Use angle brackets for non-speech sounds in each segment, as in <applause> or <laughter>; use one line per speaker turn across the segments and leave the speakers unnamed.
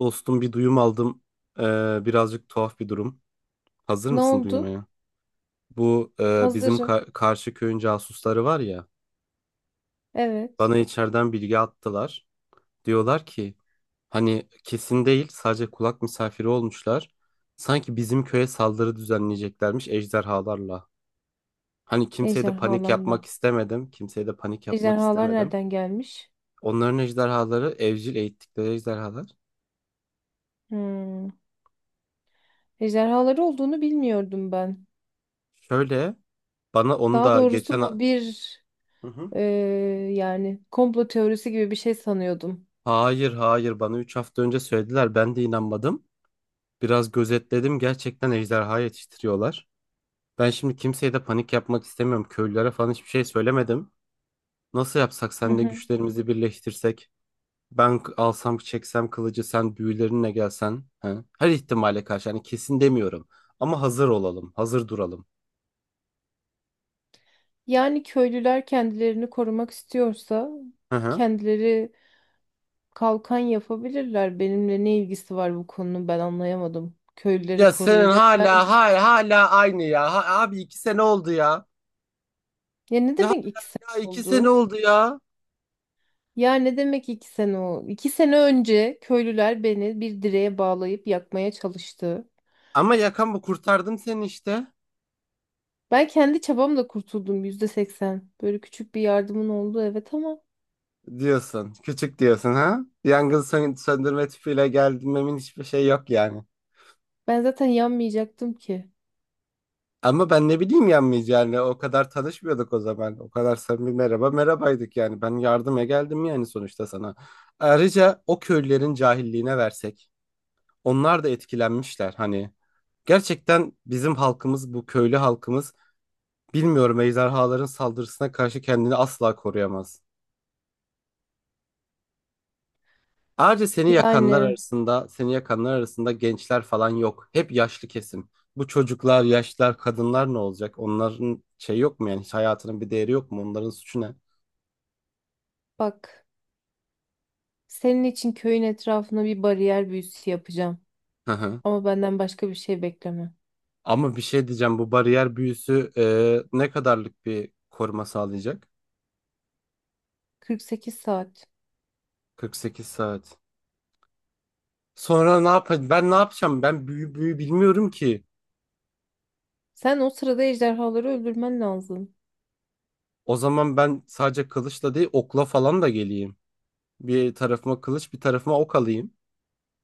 Dostum bir duyum aldım. Ee, birazcık tuhaf bir durum. Hazır
Ne
mısın
oldu?
duymaya? Bu bizim
Hazırım.
karşı köyün casusları var ya.
Evet.
Bana içeriden bilgi attılar. Diyorlar ki hani kesin değil, sadece kulak misafiri olmuşlar. Sanki bizim köye saldırı düzenleyeceklermiş ejderhalarla. Hani kimseye de panik
Ejderhalarla.
yapmak istemedim. Kimseye de panik yapmak
Ejderhalar
istemedim.
nereden gelmiş?
Onların ejderhaları evcil eğittikleri ejderhalar.
Hmm. Ejderhaları olduğunu bilmiyordum ben.
Şöyle, bana onu
Daha
da
doğrusu
geçen
bu bir
Hı hı.
e, yani komplo teorisi gibi bir şey sanıyordum.
Hayır hayır, bana 3 hafta önce söylediler, ben de inanmadım. Biraz gözetledim, gerçekten ejderha yetiştiriyorlar. Ben şimdi kimseye de panik yapmak istemiyorum. Köylülere falan hiçbir şey söylemedim. Nasıl yapsak,
Hı
seninle
hı.
güçlerimizi birleştirsek? Ben alsam çeksem kılıcı, sen büyülerinle gelsen. He? Her ihtimale karşı, hani kesin demiyorum. Ama hazır olalım, hazır duralım.
Yani köylüler kendilerini korumak istiyorsa
Hı hı.
kendileri kalkan yapabilirler. Benimle ne ilgisi var bu konunun ben anlayamadım. Köylüleri
Ya senin
koruyacak
hala
ben.
hala hala aynı ya. Abi iki sene oldu ya.
Ya ne
Ya,
demek ikisi
hala iki sene
oldu?
oldu ya.
Ya ne demek 2 sene o? 2 sene önce köylüler beni bir direğe bağlayıp yakmaya çalıştı.
Ama yakan bu, kurtardım seni işte.
Ben kendi çabamla kurtuldum %80. Böyle küçük bir yardımın oldu evet ama
Diyorsun. Küçük diyorsun ha? Yangın söndürme tüpüyle gelmemin hiçbir şey yok yani.
ben zaten yanmayacaktım ki.
Ama ben ne bileyim yanmayacağını, yani. O kadar tanışmıyorduk o zaman. O kadar samimi, merhaba merhabaydık yani. Ben yardıma geldim yani sonuçta sana. Ayrıca o köylülerin cahilliğine versek. Onlar da etkilenmişler hani. Gerçekten bizim halkımız, bu köylü halkımız, bilmiyorum, ejderhaların saldırısına karşı kendini asla koruyamaz. Ayrıca seni yakanlar
Yani
arasında, seni yakanlar arasında gençler falan yok. Hep yaşlı kesim. Bu çocuklar, yaşlılar, kadınlar ne olacak? Onların şey yok mu yani? Hiç hayatının bir değeri yok mu? Onların suçu ne?
bak, senin için köyün etrafına bir bariyer büyüsü yapacağım.
Hı hı.
Ama benden başka bir şey bekleme.
Ama bir şey diyeceğim. Bu bariyer büyüsü ne kadarlık bir koruma sağlayacak?
48 saat.
48 saat. Sonra ne yapacağım? Ben ne yapacağım? Ben büyü bilmiyorum ki.
Sen o sırada ejderhaları öldürmen lazım.
O zaman ben sadece kılıçla değil, okla falan da geleyim. Bir tarafıma kılıç, bir tarafıma ok alayım.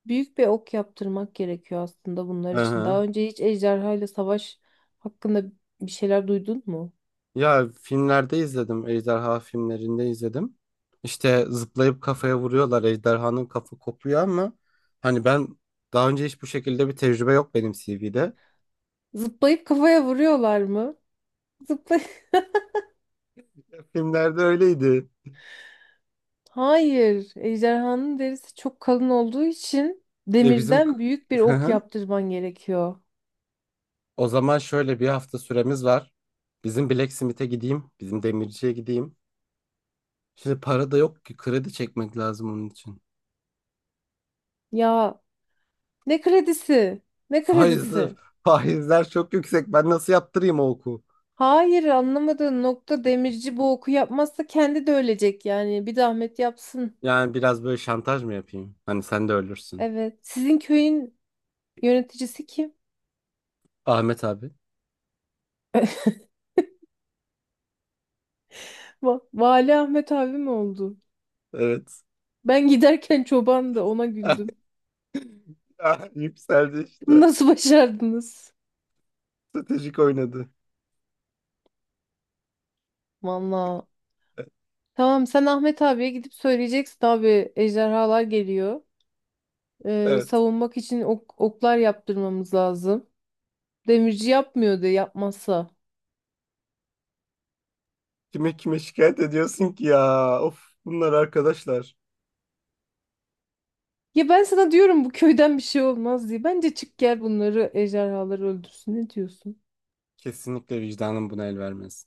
Büyük bir ok yaptırmak gerekiyor aslında bunlar
Hı
için.
hı.
Daha önce hiç ejderha ile savaş hakkında bir şeyler duydun mu?
Ya, filmlerde izledim. Ejderha filmlerinde izledim. İşte zıplayıp kafaya vuruyorlar. Ejderhanın kafa kopuyor, ama hani ben daha önce hiç bu şekilde bir tecrübe yok benim CV'de.
Zıplayıp kafaya vuruyorlar mı? Zıplay <laughs>
Ya, filmlerde öyleydi.
Hayır. Ejderhanın derisi çok kalın olduğu için
Bizim
demirden büyük bir ok yaptırman gerekiyor.
<laughs> o zaman şöyle bir hafta süremiz var. Bizim Blacksmith'e gideyim. Bizim demirciye gideyim. Şimdi para da yok ki, kredi çekmek lazım onun için.
Ya ne kredisi? Ne
Faizler,
kredisi?
faizler çok yüksek. Ben nasıl yaptırayım o oku?
Hayır, anlamadığın nokta, demirci bu oku yapmazsa kendi de ölecek yani. Bir zahmet yapsın.
Yani biraz böyle şantaj mı yapayım? Hani sen de ölürsün.
Evet. Sizin köyün yöneticisi kim?
Ahmet abi.
Vali Ahmet abi mi oldu?
Evet.
Ben giderken çoban da ona
<laughs>
güldüm.
Ah, yükseldi
Bunu
işte.
nasıl başardınız?
Stratejik oynadı.
Valla. Tamam, sen Ahmet abiye gidip söyleyeceksin, abi ejderhalar geliyor.
Evet.
Savunmak için oklar yaptırmamız lazım. Demirci yapmıyor yapmıyordu yapmazsa.
Kime şikayet ediyorsun ki ya? Of, bunlar arkadaşlar.
Ya ben sana diyorum bu köyden bir şey olmaz diye. Bence çık gel bunları, ejderhaları öldürsün. Ne diyorsun?
Kesinlikle vicdanım buna el vermez.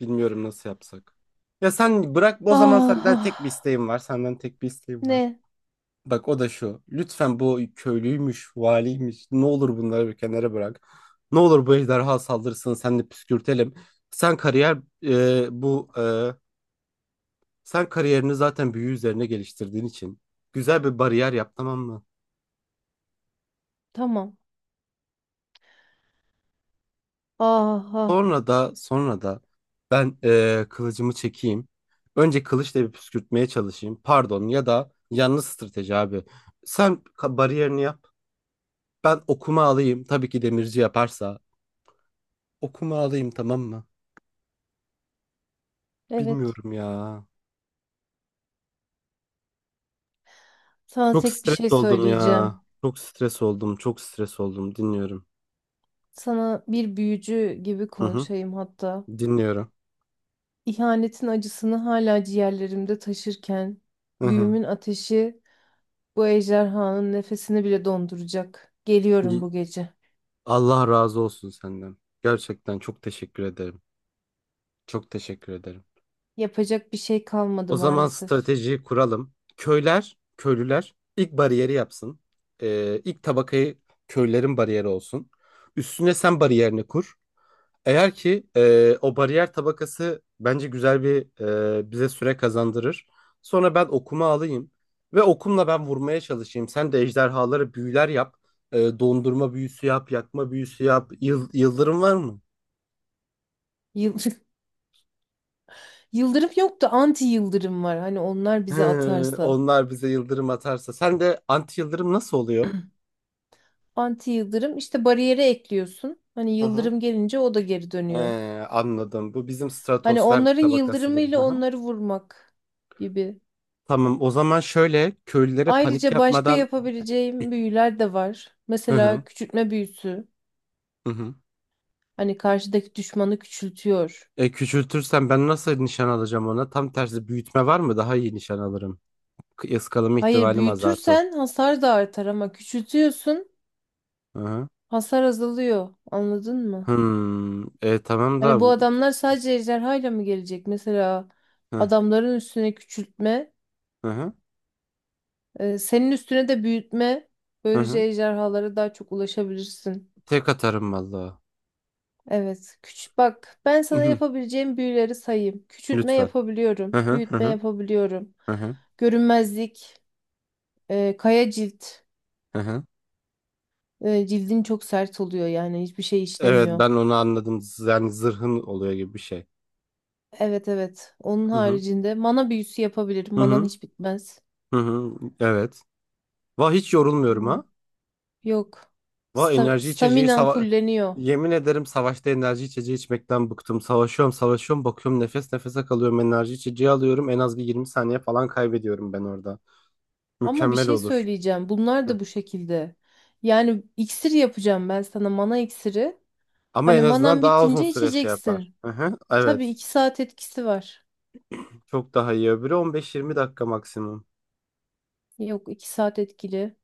Bilmiyorum nasıl yapsak. Ya sen bırak o zaman,
Ah,
senden
ah.
tek bir isteğim var. Senden tek bir isteğim var.
Ne?
Bak, o da şu. Lütfen, bu köylüymüş, valiymiş, ne olur bunları bir kenara bırak. Ne olur bu ejderha saldırsın. Sen de püskürtelim. Sen kariyer e, bu e, Sen kariyerini zaten büyü üzerine geliştirdiğin için güzel bir bariyer yap, tamam mı?
Tamam. Ah, ah.
Sonra da ben kılıcımı çekeyim. Önce kılıçla bir püskürtmeye çalışayım. Pardon, ya da yanlış strateji abi. Sen bariyerini yap. Ben okuma alayım. Tabii ki demirci yaparsa. Okuma alayım, tamam mı?
Evet.
Bilmiyorum ya.
Sana
Çok
tek bir
stres
şey
oldum ya.
söyleyeceğim.
Çok stres oldum. Çok stres oldum. Dinliyorum.
Sana bir büyücü gibi
Hı hı.
konuşayım hatta.
Dinliyorum.
İhanetin acısını hala ciğerlerimde taşırken,
Hı hı.
büyümün ateşi bu ejderhanın nefesini bile donduracak. Geliyorum bu gece.
Allah razı olsun senden. Gerçekten çok teşekkür ederim. Çok teşekkür ederim.
Yapacak bir şey kalmadı
O zaman
maalesef.
stratejiyi kuralım. Köyler, köylüler ilk bariyeri yapsın. İlk tabakayı köylerin bariyeri olsun. Üstüne sen bariyerini kur. Eğer ki o bariyer tabakası bence güzel bir, bize süre kazandırır. Sonra ben okuma alayım ve okumla ben vurmaya çalışayım. Sen de ejderhalara büyüler yap. Dondurma büyüsü yap, yakma büyüsü yap. Yıldırım var mı?
Yıl <laughs> Yıldırım yok da anti yıldırım var. Hani onlar
<laughs>
bize
Hı,
atarsa.
onlar bize yıldırım atarsa. Sen de anti yıldırım nasıl oluyor?
Anti yıldırım işte, bariyere ekliyorsun. Hani
Hı hı.
yıldırım gelince o da geri dönüyor.
Anladım. Bu bizim
Hani
stratosfer
onların
tabakası gibi.
yıldırımıyla
Hı hı.
onları vurmak gibi.
Tamam. O zaman şöyle, köylülere panik
Ayrıca başka
yapmadan
yapabileceğim
<clears throat>
büyüler de var.
Hı hı.
Mesela küçültme büyüsü.
Hı hı.
Hani karşıdaki düşmanı küçültüyor.
Küçültürsem ben nasıl nişan alacağım ona? Tam tersi büyütme var mı? Daha iyi nişan alırım. Iskalama
Hayır,
ihtimalim azaltır.
büyütürsen hasar da artar ama küçültüyorsun
Hı hı.
hasar azalıyor. Anladın mı?
Hmm. Tamam da
Hani bu
bu.
adamlar sadece ejderhayla mı gelecek? Mesela
Hı
adamların üstüne küçültme,
hı.
senin üstüne de büyütme.
Hı
Böylece
hı.
ejderhalara daha çok ulaşabilirsin.
Tek atarım vallahi.
Evet. Küçük, bak ben
Hı
sana
hı.
yapabileceğim büyüleri sayayım. Küçültme
Lütfen. Hı
yapabiliyorum.
hı. Hı
Büyütme
hı.
yapabiliyorum.
Hı hı.
Görünmezlik. Kaya cilt.
Hı hı.
Cildin çok sert oluyor yani hiçbir şey
Evet,
işlemiyor.
ben onu anladım. Yani zırhın oluyor gibi bir şey.
Evet, evet. Onun
Hı hı.
haricinde mana büyüsü yapabilirim.
Hı
Manan
hı.
hiç bitmez.
Hı hı. Evet. Vah, hiç yorulmuyorum
Hmm,
ha.
Yok.
Vah, enerji içeceği
Staminen fulleniyor.
yemin ederim, savaşta enerji içeceği içmekten bıktım. Savaşıyorum, savaşıyorum, bakıyorum nefes nefese kalıyorum. Enerji içeceği alıyorum. En az bir 20 saniye falan kaybediyorum ben orada.
Ama bir
Mükemmel
şey
olur.
söyleyeceğim. Bunlar
Hı.
da bu şekilde. Yani iksir yapacağım ben sana, mana iksiri.
Ama
Hani
en azından
manan
daha uzun
bitince
süre şey yapar.
içeceksin.
Hı hı.
Tabii
Evet.
2 saat etkisi var.
Çok daha iyi. Öbürü 15-20 dakika maksimum.
Yok, 2 saat etkili.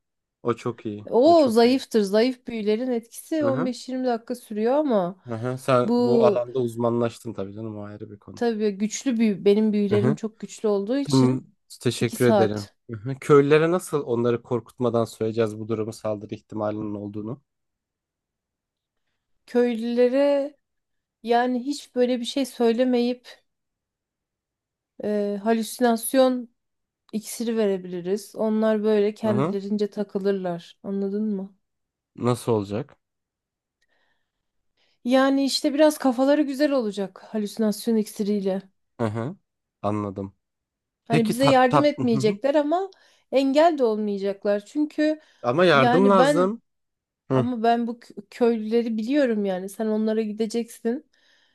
O çok iyi. O
O
çok iyi.
zayıftır. Zayıf büyülerin etkisi
Hı hı.
15-20 dakika sürüyor ama
Hı hı. Sen bu
bu
alanda uzmanlaştın tabii canım, o ayrı bir konu.
tabii güçlü büyü. Benim
Hı
büyülerim
hı.
çok güçlü olduğu
Tamam,
için iki
teşekkür ederim.
saat.
Hı hı. Köylülere nasıl onları korkutmadan söyleyeceğiz bu durumu, saldırı ihtimalinin olduğunu?
Köylülere yani hiç böyle bir şey söylemeyip halüsinasyon iksiri verebiliriz. Onlar böyle
Hı hı.
kendilerince takılırlar. Anladın mı?
Nasıl olacak?
Yani işte biraz kafaları güzel olacak halüsinasyon iksiriyle.
Hı hı. Anladım.
Hani
Peki,
bize
tat
yardım
tat hı hı.
etmeyecekler ama engel de olmayacaklar. Çünkü
Ama yardım
yani ben,
lazım. Hı
ama ben bu köylüleri biliyorum yani. Sen onlara gideceksin.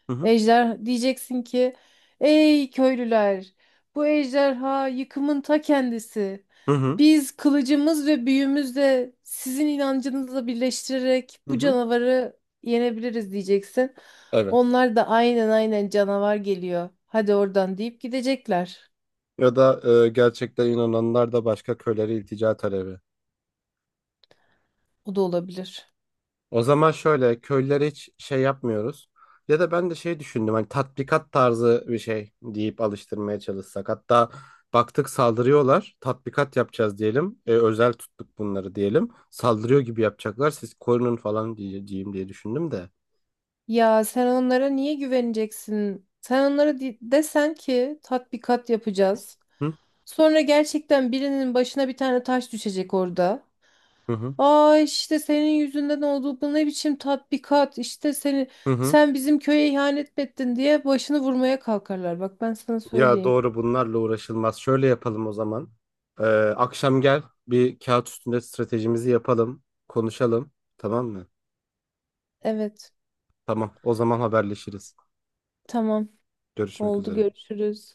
hı, hı
Ejder diyeceksin ki, ey köylüler, bu ejderha yıkımın ta kendisi.
hı, hı.
Biz kılıcımız ve büyümüzle sizin inancınızla birleştirerek
Hı
bu
hı.
canavarı yenebiliriz diyeceksin.
Evet.
Onlar da aynen, aynen canavar geliyor, hadi oradan deyip gidecekler.
Ya da gerçekten inananlar da başka köylere iltica talebi.
O da olabilir.
O zaman şöyle, köylere hiç şey yapmıyoruz. Ya da ben de şey düşündüm, hani tatbikat tarzı bir şey deyip alıştırmaya çalışsak. Hatta baktık saldırıyorlar, tatbikat yapacağız diyelim. Özel tuttuk bunları diyelim. Saldırıyor gibi yapacaklar, siz korunun falan diyeceğim diye düşündüm de.
Ya sen onlara niye güveneceksin? Sen onlara desen ki tatbikat yapacağız.
Hı
Sonra gerçekten birinin başına bir tane taş düşecek orada.
hı hı.
Aa, işte senin yüzünden oldu, bu ne biçim tatbikat İşte seni
Hı hı.
sen bizim köye ihanet mi ettin diye başını vurmaya kalkarlar. Bak ben sana
Ya
söyleyeyim.
doğru, bunlarla uğraşılmaz. Şöyle yapalım o zaman. Ee, akşam gel, bir kağıt üstünde stratejimizi yapalım, konuşalım, tamam mı?
Evet,
Tamam, o zaman haberleşiriz.
tamam,
Görüşmek
oldu,
üzere.
görüşürüz.